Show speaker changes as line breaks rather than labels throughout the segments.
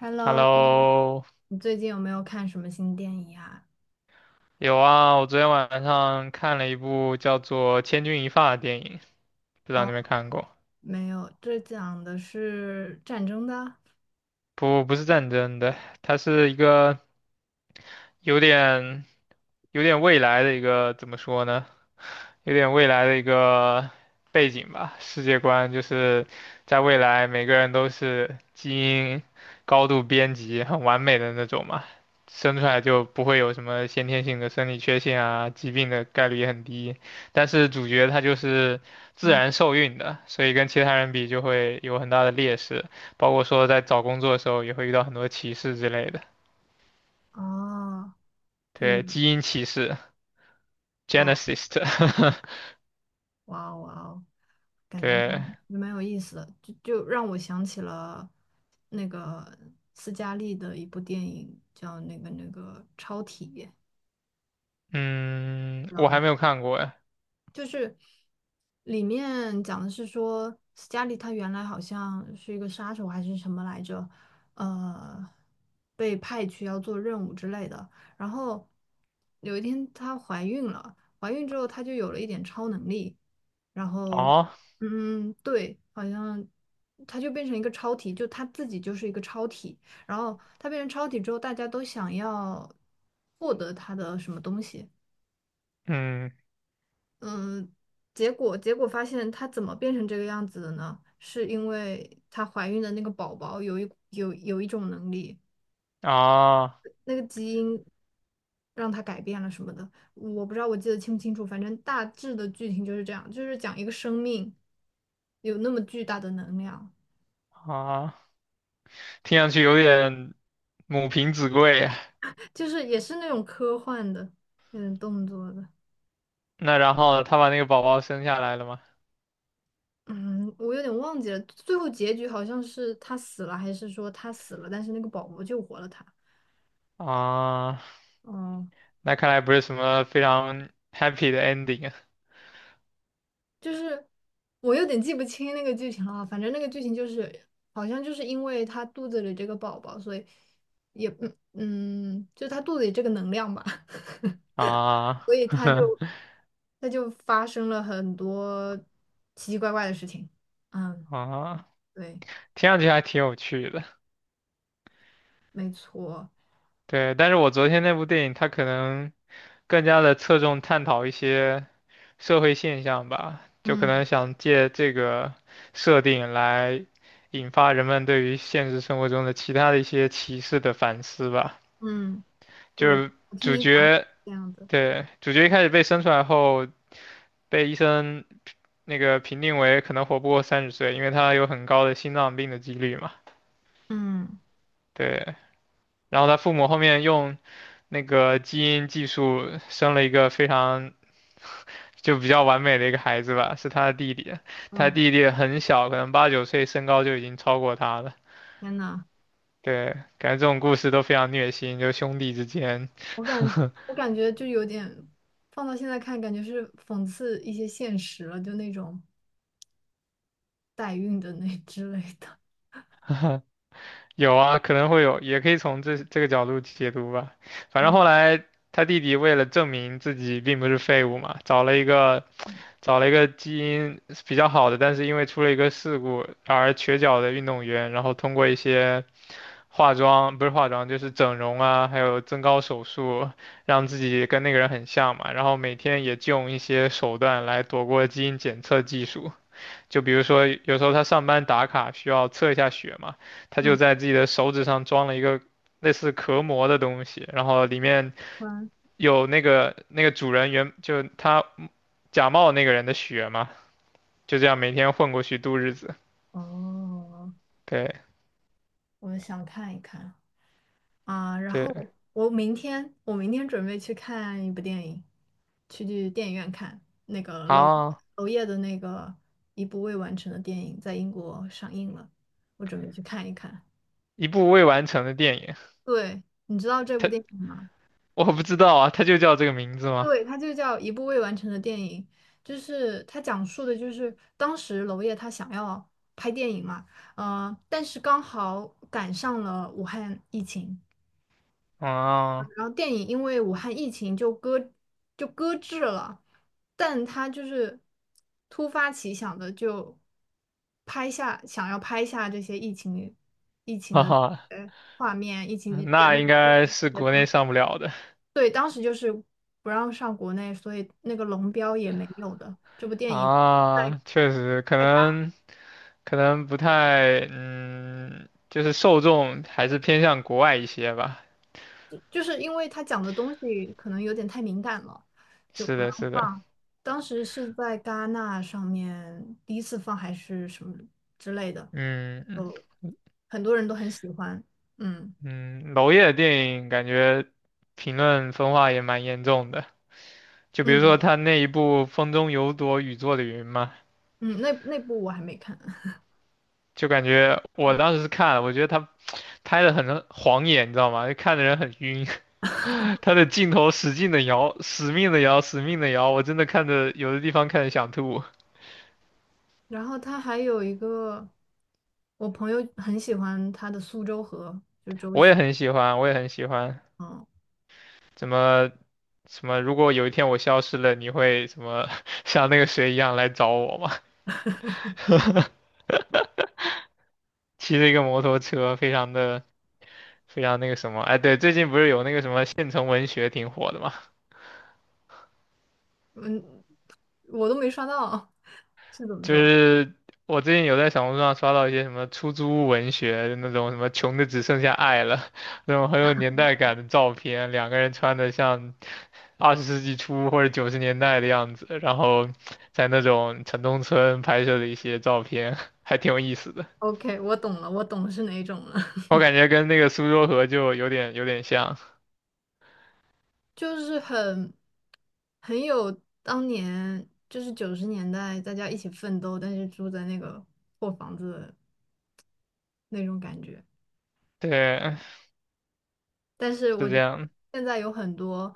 Hello，
Hello。
你最近有没有看什么新电影啊？
有啊，我昨天晚上看了一部叫做《千钧一发》的电影，不知道
哦，
你有没有看过？
没有，这讲的是战争的。
不，不是战争的，它是一个有点有点未来的一个，怎么说呢？有点未来的一个背景吧，世界观就是在未来每个人都是基因高度编辑、很完美的那种嘛，生出来就不会有什么先天性的生理缺陷啊，疾病的概率也很低。但是主角他就是自
嗯，
然受孕的，所以跟其他人比就会有很大的劣势，包括说在找工作的时候也会遇到很多歧视之类的，
哦，就有
对，基因歧视（
哇
（genesis）。
哇哦哇哦，感觉
对，
蛮有意思的，就让我想起了那个斯嘉丽的一部电影，叫那个《超体》。
嗯，我还没有看过哎。
就是里面讲的是说，斯嘉丽她原来好像是一个杀手还是什么来着，呃，被派去要做任务之类的。然后有一天她怀孕了，怀孕之后她就有了一点超能力，然后
哦，
嗯，对，好像。她就变成一个超体，就她自己就是一个超体。然后她变成超体之后，大家都想要获得她的什么东西。
嗯，
嗯，结果发现她怎么变成这个样子的呢？是因为她怀孕的那个宝宝有一种能力，
啊
那个基因让她改变了什么的，我不知道我记得清不清楚，反正大致的剧情就是这样，就是讲一个生命有那么巨大的能量，
啊，听上去有点母凭子贵呀。
就是也是那种科幻的，有点动作的。
那然后他把那个宝宝生下来了吗？
嗯，我有点忘记了，最后结局好像是她死了，还是说她死了，但是那个宝宝救活了她。
啊，
哦，
那看来不是什么非常 happy 的 ending
就是我有点记不清那个剧情了啊反正那个剧情就是好像就是因为他肚子里这个宝宝，所以也嗯嗯，就他肚子里这个能量吧，
啊。
所以
啊，
他就他就发生了很多奇奇怪怪的事情。嗯，
啊，
对，
听上去还挺有趣的。
没错，
对，但是我昨天那部电影它可能更加的侧重探讨一些社会现象吧，就可
嗯
能想借这个设定来引发人们对于现实生活中的其他的一些歧视的反思吧。
嗯，对，
就
我
是
我听
主
你讲
角，
这样的，
对，主角一开始被生出来后，被医生那个评定为可能活不过30岁，因为他有很高的心脏病的几率嘛。
嗯
对，然后他父母后面用那个基因技术生了一个非常就比较完美的一个孩子吧，是他的弟弟，他
嗯，
弟弟很小，可能八九岁，身高就已经超过他了。
天呐，
对，感觉这种故事都非常虐心，就兄弟之间，
我感 我感觉就有点放到现在看，感觉是讽刺一些现实了，就那种。代孕的那之类的。
有啊，可能会有，也可以从这个角度解读吧。反正后
嗯
来他弟弟为了证明自己并不是废物嘛，找了一个基因比较好的，但是因为出了一个事故而瘸脚的运动员，然后通过一些化妆，不是化妆，就是整容啊，还有增高手术，让自己跟那个人很像嘛。然后每天也就用一些手段来躲过基因检测技术，就比如说有时候他上班打卡需要测一下血嘛，他就
嗯
在自己的手指上装了一个类似壳膜的东西，然后里面
嗯，
有那个主人原就他假冒那个人的血嘛，就这样每天混过去度日子。
哦，
对
我想看一看啊，然
对
后我明天准备去看一部电影，去电影院看那个娄
啊，
娄烨的那个一部未完成的电影，在英国上映了，我准备去看一看。
一部未完成的电影。
对，你知道这部
它
电影吗？
我不知道啊，他就叫这个名字吗？
对，它就叫一部未完成的电影，就是它讲述的就是当时娄烨他想要拍电影嘛，但是刚好赶上了武汉疫情，
啊，
然后电影因为武汉疫情就搁置了，但他就是突发奇想的就想要拍下这些疫情
哈
的
哈，
画面，疫情人
那
们
应
的经
该
历
是
的
国内
东西。
上不了的
对，当时就是不让上国内，所以那个龙标也没有的。这部电影在
啊，确实，可
在
能不太，嗯，就是受众还是偏向国外一些吧。
就是因为它讲的东西可能有点太敏感了，就
是
不让
的，是的，
放。当时是在戛纳上面第一次放还是什么之类的，
嗯
就很多人都很喜欢。嗯
嗯，娄烨的电影感觉评论分化也蛮严重的，就比如说
嗯
他那一部《风中有朵雨做的云》嘛，
嗯，那部我还没看。
就感觉我当时是看了，我觉得他拍的很晃眼，你知道吗？就看的人很晕，他的镜头使劲的摇，死命的摇，死命的摇，我真的看的有的地方看的想吐。
然后他还有一个，我朋友很喜欢他的《苏州河》。
我也很喜欢，我也很喜欢。
嗯。
怎么什么？如果有一天我消失了，你会什么 像那个谁一样来找我吗？骑着一个摩托车，非常的非常那个什么？哎，对，最近不是有那个什么县城文学挺火的吗？
嗯，我都没刷到，是怎么
就
说
是我最近有在小红书上刷到一些什么出租屋文学那种什么穷的只剩下爱了，那种很有年代感的照片，两个人穿的像20世纪初或者90年代的样子，然后在那种城中村拍摄的一些照片，还挺有意思的。
？OK，我懂了，我懂是哪种了，
我感觉跟那个苏州河就有点像，
就是很有当年就是90年代大家一起奋斗，但是住在那个破房子的那种感觉。
对，
但是
是
我
这
觉得
样，
现在有很多，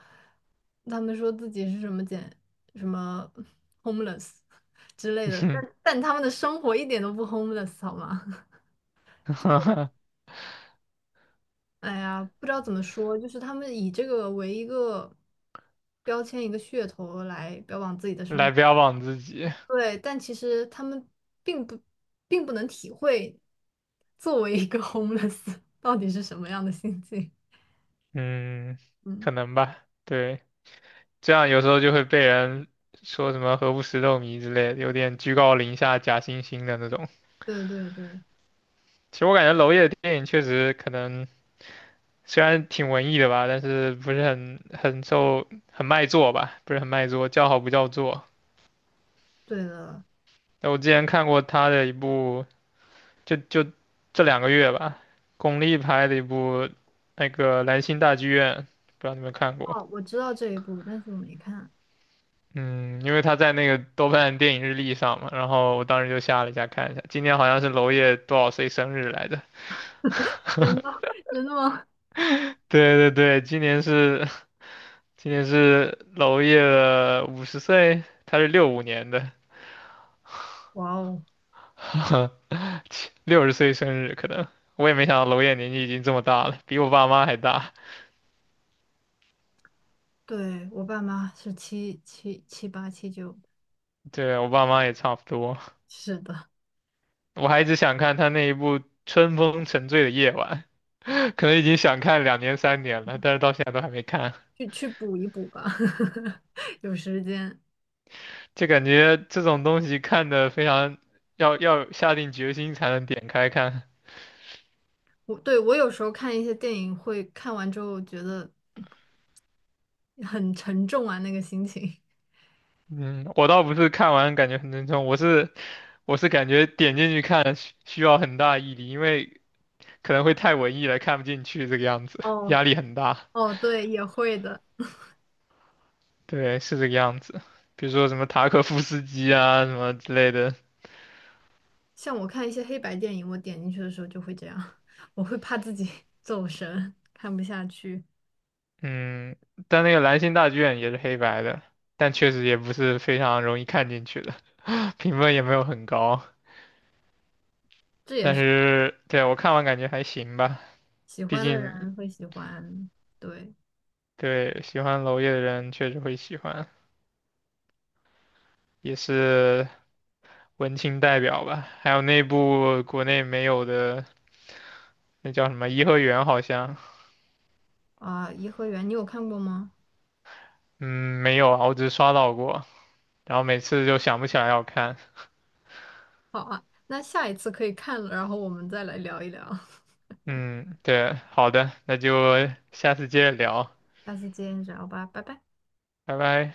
他们说自己是什么什么 homeless 之类的，但他们的生活一点都不 homeless 好吗？哎呀，不知道怎么说，就是他们以这个为一个标签、一个噱头来标榜自己的生
来
活，
标榜自己，
对，但其实他们并不并不能体会作为一个 homeless 到底是什么样的心境。
嗯，
嗯，
可能吧，对。这样有时候就会被人说什么“何不食肉糜”之类的，有点居高临下、假惺惺的那种。
对对对，
其实我感觉娄烨的电影确实可能虽然挺文艺的吧，但是不是很受很卖座吧，不是很卖座，叫好不叫座。
对的。
那我之前看过他的一部，就这两个月吧，巩俐拍的一部那个《兰心大剧院》，不知道你们看过。
哦，我知道这一部，但是我没看。
嗯，因为他在那个豆瓣电影日历上嘛，然后我当时就下了一下看一下，今年好像是娄烨多少岁生日来着？
真的 真的吗？
对对对，今年是娄烨的50岁，他是65年的，
哇哦，
60岁生日可能。我也没想到娄烨年纪已经这么大了，比我爸妈还大。
对，我爸妈是77、78、79，
对，我爸妈也差不多。
是的，
我还一直想看他那一部《春风沉醉的夜晚》，可能已经想看两年三年了，但是到现在都还没看。
去补一补吧，有时间。
就感觉这种东西看的非常要下定决心才能点开看。
我有时候看一些电影会看完之后觉得很沉重啊，那个心情。
嗯，我倒不是看完感觉很沉重，我是感觉点进去看需要很大毅力，因为可能会太文艺了，看不进去这个样子，
哦，
压力很大。
哦，对，也会的。
对，是这个样子。比如说什么塔可夫斯基啊什么之类的，
像我看一些黑白电影，我点进去的时候就会这样，我会怕自己 走神，看不下去。
嗯，但那个《兰心大剧院》也是黑白的，但确实也不是非常容易看进去的，评分也没有很高。
这也
但
是
是对我看完感觉还行吧，
喜
毕
欢的
竟
人会喜欢。对
对喜欢娄烨的人确实会喜欢，也是文青代表吧。还有那部国内没有的，那叫什么颐和园好像，
啊，颐和园》你有看过吗？
嗯，没有啊，我只刷到过，然后每次就想不起来要看。
好啊，那下一次可以看了，然后我们再来聊一聊。
嗯，对，好的，那就下次接着聊，
下次见，这样吧，拜拜。
拜拜。